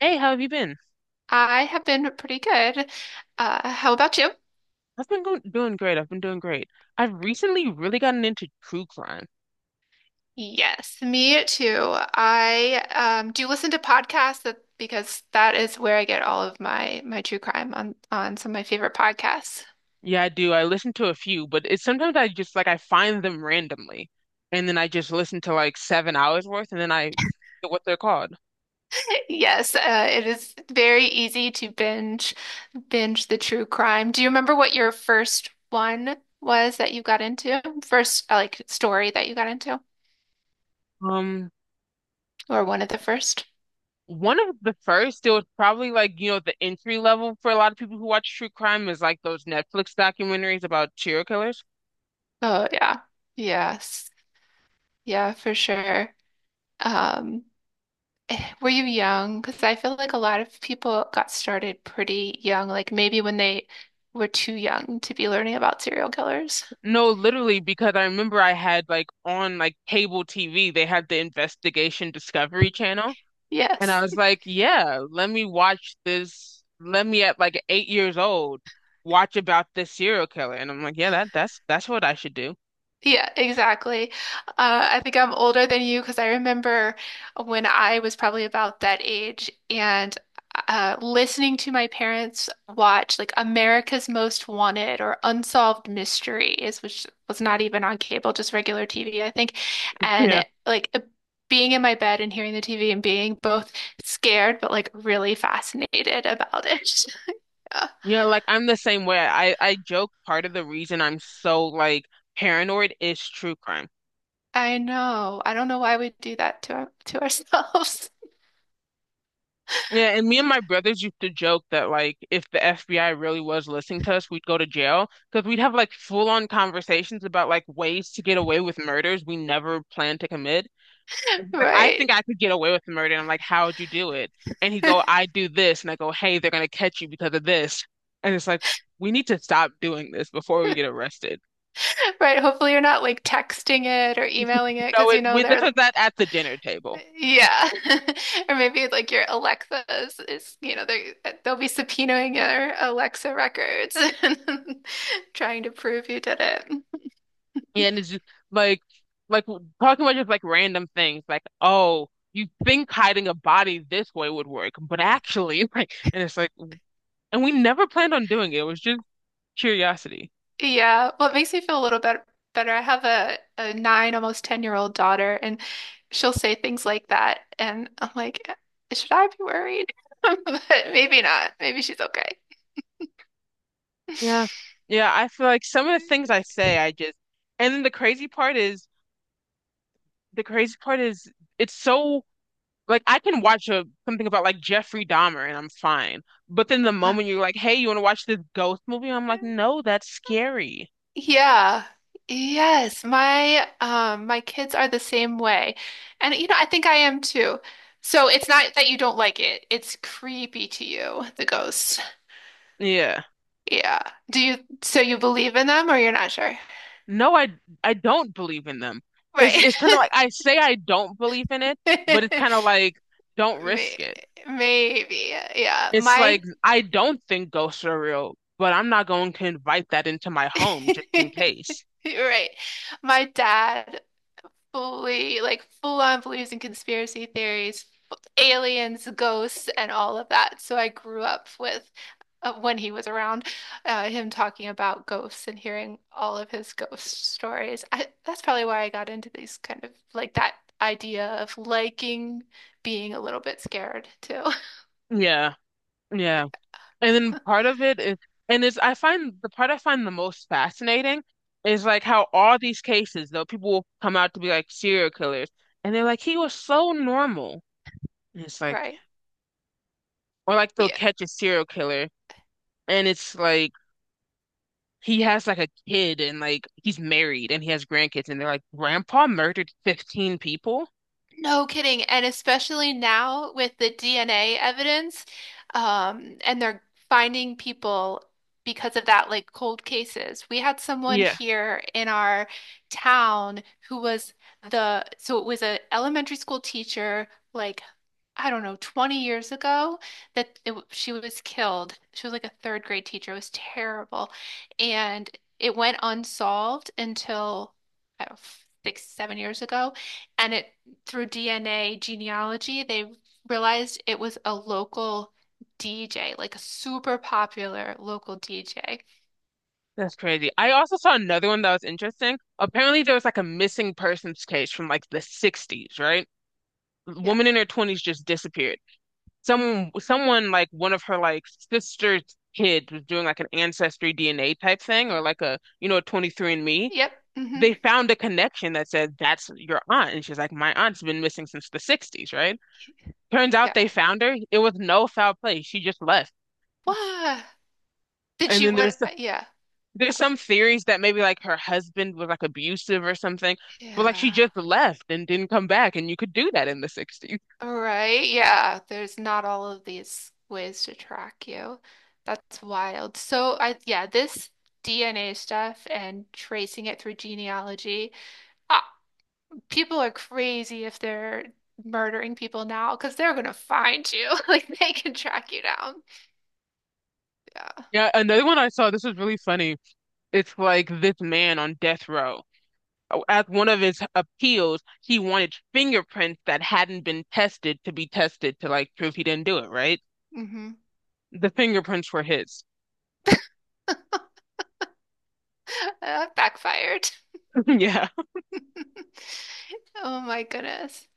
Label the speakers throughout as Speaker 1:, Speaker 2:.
Speaker 1: Hey, how have you been?
Speaker 2: I have been pretty good. How about you?
Speaker 1: I've been going, doing great. I've been doing great. I've recently really gotten into true crime.
Speaker 2: Yes, me too. I do listen to podcasts because that is where I get all of my true crime on some of my favorite podcasts.
Speaker 1: Yeah, I do. I listen to a few, but it's sometimes I just like I find them randomly, and then I just listen to like 7 hours worth, and then I forget what they're called.
Speaker 2: Yes, it is very easy to binge the true crime. Do you remember what your first one was that you got into? First, like story that you got into,
Speaker 1: Um,
Speaker 2: or one of the first?
Speaker 1: One of the first, it was probably like you know the entry level for a lot of people who watch true crime is like those Netflix documentaries about serial killers.
Speaker 2: Oh yeah, yes, yeah, for sure. Um, Were you young? Because I feel like a lot of people got started pretty young, like maybe when they were too young to be learning about serial killers.
Speaker 1: No, literally, because I remember I had like on like cable TV, they had the Investigation Discovery Channel. And I
Speaker 2: Yes.
Speaker 1: was like, yeah, let me watch this. Let me at like 8 years old watch about this serial killer. And I'm like, yeah, that's what I should do.
Speaker 2: Yeah, exactly. I think I'm older than you because I remember when I was probably about that age and listening to my parents watch like America's Most Wanted or Unsolved Mysteries, which was not even on cable, just regular TV, I think.
Speaker 1: Yeah.
Speaker 2: And being in my bed and hearing the TV and being both scared but like really fascinated about it. Yeah.
Speaker 1: Yeah, like I'm the same way. I joke part of the reason I'm so like paranoid is true crime.
Speaker 2: I know. I don't know why we do that to to ourselves.
Speaker 1: Yeah, and me and my brothers used to joke that like if the FBI really was listening to us, we'd go to jail because we'd have like full on conversations about like ways to get away with murders we never planned to commit. And he's like, I
Speaker 2: Right.
Speaker 1: think I could get away with the murder. And I'm like, how would you do it? And he'd go, I do this. And I go, hey, they're going to catch you because of this. And it's like, we need to stop doing this before we get arrested.
Speaker 2: Right. Hopefully you're not like texting it or emailing it
Speaker 1: No,
Speaker 2: because
Speaker 1: it
Speaker 2: you know
Speaker 1: we this
Speaker 2: they're
Speaker 1: was that at the dinner table.
Speaker 2: yeah. Or maybe like your Alexa is you know they'll be subpoenaing your Alexa records and trying to prove you did it.
Speaker 1: Yeah, and it's just like, talking about just like random things, like, oh, you think hiding a body this way would work, but actually, like, and it's like, and we never planned on doing it. It was just curiosity.
Speaker 2: Yeah. Well, it makes me feel a little bit better. I have a nine, almost 10-year-old daughter and she'll say things like that and I'm like, should I be worried? But maybe not. Maybe she's okay.
Speaker 1: Yeah. Yeah. I feel like some of the things I say, I just, and then the crazy part is it's so like I can watch a something about like Jeffrey Dahmer and I'm fine. But then the moment you're like, "Hey, you want to watch this ghost movie?" I'm
Speaker 2: Uh,
Speaker 1: like, "No, that's scary."
Speaker 2: Yeah. Yes, my my kids are the same way. And you know, I think I am too. So it's not that you don't like it. It's creepy to you, the ghosts.
Speaker 1: Yeah.
Speaker 2: Yeah. Do you so you believe in them or you're not sure?
Speaker 1: No, I don't believe in them. It's
Speaker 2: Right.
Speaker 1: it's kind of like I say I don't believe in it, but it's kind of like don't risk
Speaker 2: May-
Speaker 1: it.
Speaker 2: Maybe. Yeah.
Speaker 1: It's
Speaker 2: My
Speaker 1: like I don't think ghosts are real, but I'm not going to invite that into my home just in case.
Speaker 2: Right. My dad fully full on beliefs in conspiracy theories, aliens, ghosts, and all of that. So I grew up with when he was around, him talking about ghosts and hearing all of his ghost stories. That's probably why I got into these kind of that idea of liking being a little bit scared too.
Speaker 1: Yeah. Yeah. And then part of it is, I find the most fascinating is like how all these cases, though, people will come out to be like serial killers, and they're like, he was so normal. And it's like,
Speaker 2: Right.
Speaker 1: or like they'll
Speaker 2: Yeah.
Speaker 1: catch a serial killer, and it's like, he has like a kid, and like he's married, and he has grandkids, and they're like, Grandpa murdered 15 people?
Speaker 2: No kidding. And especially now with the DNA evidence, and they're finding people because of that, like cold cases. We had someone
Speaker 1: Yeah,
Speaker 2: here in our town who was so it was an elementary school teacher, like, I don't know, 20 years ago that she was killed. She was like a third grade teacher. It was terrible. And it went unsolved until I don't know, six, 7 years ago. And it Through DNA genealogy, they realized it was a local DJ, like a super popular local DJ.
Speaker 1: that's crazy. I also saw another one that was interesting. Apparently, there was like a missing persons case from like the 60s, right? A
Speaker 2: Yeah.
Speaker 1: woman in her 20s just disappeared. Someone like one of her like sister's kids was doing like an ancestry DNA type thing
Speaker 2: Yeah.
Speaker 1: or like a you know a 23andMe.
Speaker 2: Yep.
Speaker 1: They found a connection that said that's your aunt, and she's like, my aunt's been missing since the 60s, right? Turns out
Speaker 2: Yeah.
Speaker 1: they found her. It was no foul play. She just left.
Speaker 2: Wow. Did
Speaker 1: And
Speaker 2: she
Speaker 1: then
Speaker 2: would
Speaker 1: there's
Speaker 2: yeah.
Speaker 1: There's some theories that maybe like her husband was like abusive or something, but like she
Speaker 2: Yeah.
Speaker 1: just left and didn't come back, and you could do that in the 60s.
Speaker 2: All right. Yeah. There's not all of these ways to track you. That's wild. So I yeah, this DNA stuff and tracing it through genealogy. I, people are crazy if they're murdering people now because they're gonna find you. Like they can track you down. Yeah.
Speaker 1: Yeah, another one I saw, this was really funny. It's like this man on death row. Oh, at one of his appeals, he wanted fingerprints that hadn't been tested to be tested to like prove he didn't do it, right?
Speaker 2: hmm
Speaker 1: The fingerprints were his.
Speaker 2: That backfired.
Speaker 1: Yeah,
Speaker 2: Oh my goodness.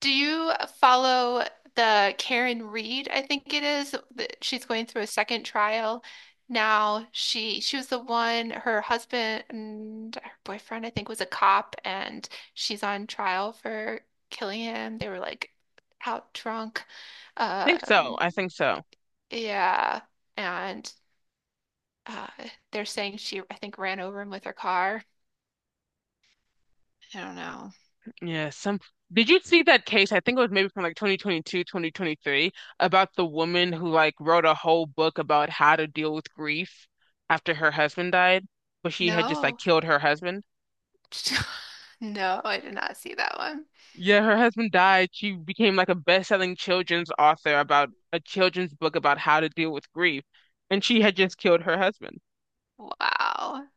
Speaker 2: Do you follow the Karen Reed, I think it is, that she's going through a second trial now. She was the one, her husband and her boyfriend, I think, was a cop and she's on trial for killing him. They were like out drunk.
Speaker 1: I think so.
Speaker 2: Um,
Speaker 1: I think so.
Speaker 2: Yeah. And uh they're saying she I think ran over him with her car. I don't know.
Speaker 1: Yeah, some did you see that case? I think it was maybe from like 2022, 2023, about the woman who like wrote a whole book about how to deal with grief after her husband died, but she had just like
Speaker 2: No.
Speaker 1: killed her husband.
Speaker 2: No, I did not see that one.
Speaker 1: Yeah, her husband died. She became like a best-selling children's author about a children's book about how to deal with grief, and she had just killed her husband.
Speaker 2: Wow.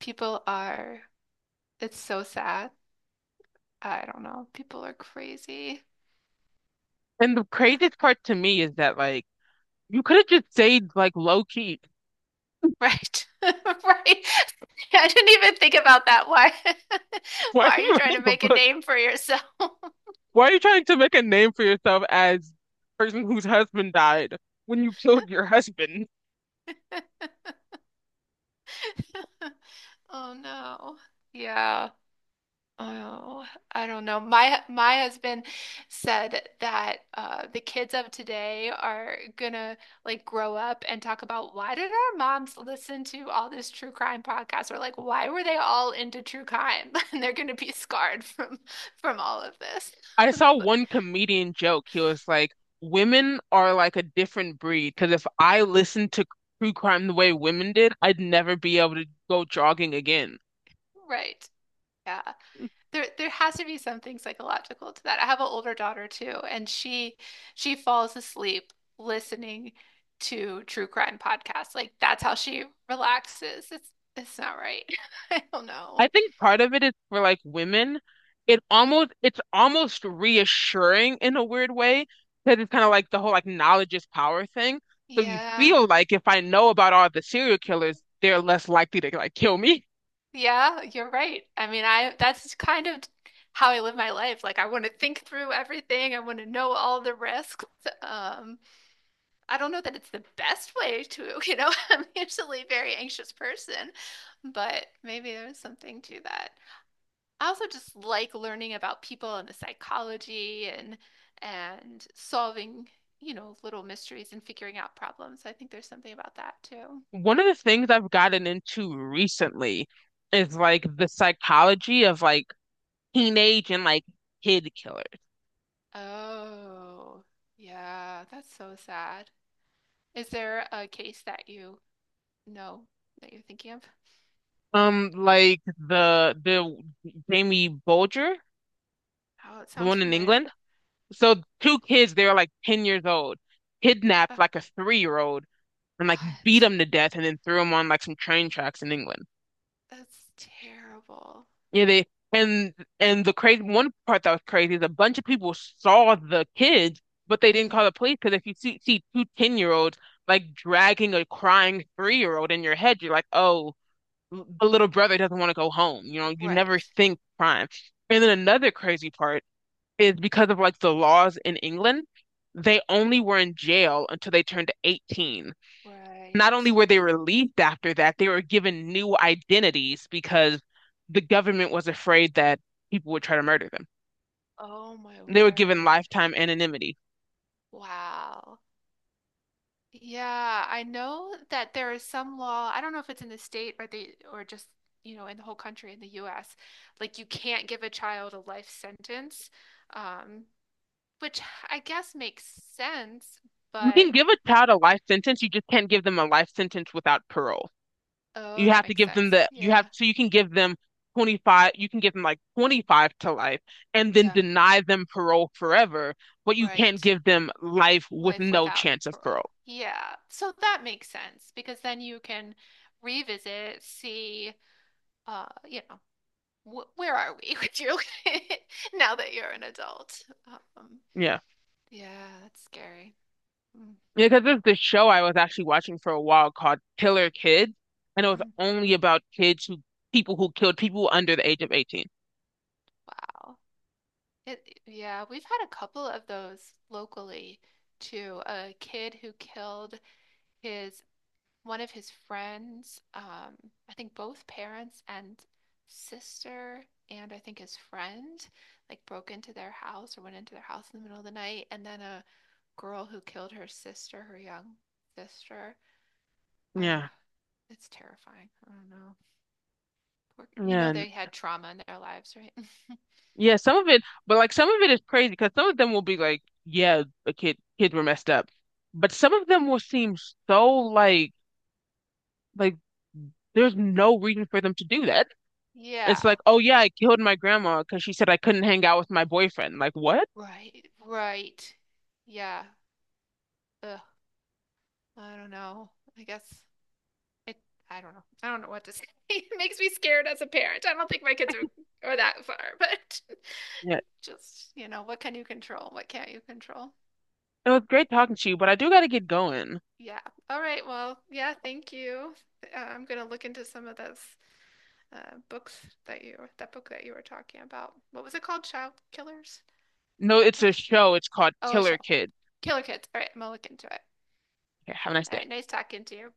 Speaker 2: People are it's so sad. I don't know. People are crazy.
Speaker 1: And the craziest part to me is that like you could have just stayed like low key.
Speaker 2: Right. Right. I didn't even think about that. Why
Speaker 1: Why are
Speaker 2: why are
Speaker 1: you
Speaker 2: you trying to
Speaker 1: writing a
Speaker 2: make a
Speaker 1: book?
Speaker 2: name for yourself?
Speaker 1: Why are you trying to make a name for yourself as the person whose husband died when you killed your husband?
Speaker 2: Oh no. Yeah. Oh, I don't know. My husband said that the kids of today are gonna like grow up and talk about why did our moms listen to all this true crime podcast? Or like why were they all into true crime? And they're gonna be scarred from all of this.
Speaker 1: I saw one comedian joke. He was like, "Women are like a different breed because if I listened to true crime the way women did, I'd never be able to go jogging again."
Speaker 2: Right. Yeah. There has to be something psychological to that. I have an older daughter too, and she falls asleep listening to true crime podcasts. Like that's how she relaxes. It's not right. I don't know.
Speaker 1: I think part of it is for like women it's almost reassuring in a weird way because it's kind of like the whole like knowledge is power thing. So you
Speaker 2: Yeah.
Speaker 1: feel like if I know about all the serial killers, they're less likely to like kill me.
Speaker 2: Yeah, you're right. I mean, I that's kind of how I live my life. Like I want to think through everything. I want to know all the risks. Um, I don't know that it's the best way to, you know, I'm usually a very anxious person, but maybe there's something to that. I also just like learning about people and the psychology and solving, you know, little mysteries and figuring out problems. I think there's something about that too.
Speaker 1: One of the things I've gotten into recently is like the psychology of like teenage and like kid killers.
Speaker 2: Oh, yeah, that's so sad. Is there a case that you know that you're thinking of?
Speaker 1: Like the Jamie Bolger,
Speaker 2: Oh, it
Speaker 1: the
Speaker 2: sounds
Speaker 1: one in
Speaker 2: familiar.
Speaker 1: England. So two kids, they were like 10 years old,
Speaker 2: Uh,
Speaker 1: kidnapped like a 3-year-old and like beat
Speaker 2: what?
Speaker 1: him to death and then threw him on like some train tracks in England.
Speaker 2: That's terrible.
Speaker 1: Yeah, they and and the crazy one part that was crazy is a bunch of people saw the kids, but they didn't
Speaker 2: Mm.
Speaker 1: call the police because if you see two ten 10-year-olds like dragging a crying 3-year-old in your head, you're like, oh, the little brother doesn't want to go home. You know, you never
Speaker 2: Right.
Speaker 1: think crime. And then another crazy part is because of like the laws in England, they only were in jail until they turned 18. Not
Speaker 2: Right.
Speaker 1: only were they relieved after that, they were given new identities because the government was afraid that people would try to murder them.
Speaker 2: Oh my
Speaker 1: They were given
Speaker 2: word.
Speaker 1: lifetime anonymity.
Speaker 2: Wow. Yeah, I know that there is some law. I don't know if it's in the state or the or just, you know, in the whole country in the US. Like you can't give a child a life sentence. Um, which I guess makes sense,
Speaker 1: You
Speaker 2: but
Speaker 1: can give a child a life sentence, you just can't give them a life sentence without parole.
Speaker 2: oh,
Speaker 1: You
Speaker 2: that
Speaker 1: have to
Speaker 2: makes
Speaker 1: give them
Speaker 2: sense.
Speaker 1: the, you have,
Speaker 2: Yeah.
Speaker 1: so you can give them 25, you can give them like 25 to life and then
Speaker 2: Yeah,
Speaker 1: deny them parole forever, but you can't
Speaker 2: right.
Speaker 1: give them life with
Speaker 2: Life
Speaker 1: no
Speaker 2: without
Speaker 1: chance of
Speaker 2: parole.
Speaker 1: parole.
Speaker 2: Yeah. So that makes sense because then you can revisit, see you know, wh where are we with you now that you're an adult? Um,
Speaker 1: Yeah.
Speaker 2: yeah, that's scary. Mm,
Speaker 1: Because there's this show I was actually watching for a while called Killer Kids, and it was
Speaker 2: mm,
Speaker 1: only about kids who people who killed people under the age of 18.
Speaker 2: wow. Yeah, we've had a couple of those locally too. A kid who killed his one of his friends, I think both parents and sister, and I think his friend, like broke into their house or went into their house in the middle of the night, and then a girl who killed her sister, her young sister. I, uh,
Speaker 1: Yeah.
Speaker 2: it's terrifying. I don't know. Poor, you
Speaker 1: Yeah.
Speaker 2: know, they had trauma in their lives, right?
Speaker 1: Yeah, some of it, but like some of it is crazy because some of them will be like, yeah, the kids were messed up. But some of them will seem so like there's no reason for them to do that. It's
Speaker 2: yeah.
Speaker 1: like, oh yeah, I killed my grandma because she said I couldn't hang out with my boyfriend. Like what?
Speaker 2: Right. Right. Yeah. Ugh. I don't know. I guess it, I don't know. I don't know what to say. It makes me scared as a parent. I don't think my kids are that far, but
Speaker 1: Yeah.
Speaker 2: just, you know, what can you control? What can't you control?
Speaker 1: It was
Speaker 2: Oh,
Speaker 1: great talking to you, but I do gotta get going.
Speaker 2: Yeah. All right. Well, yeah, thank you. I'm going to look into some of those books that you that book that you were talking about. What was it called? Child Killers,
Speaker 1: No,
Speaker 2: I
Speaker 1: it's a
Speaker 2: think.
Speaker 1: show. It's called
Speaker 2: Oh, a show.
Speaker 1: Killer Kids.
Speaker 2: Killer Kids. All right, I'm gonna look into it.
Speaker 1: Okay, have a nice
Speaker 2: All
Speaker 1: day.
Speaker 2: right, nice talking to you.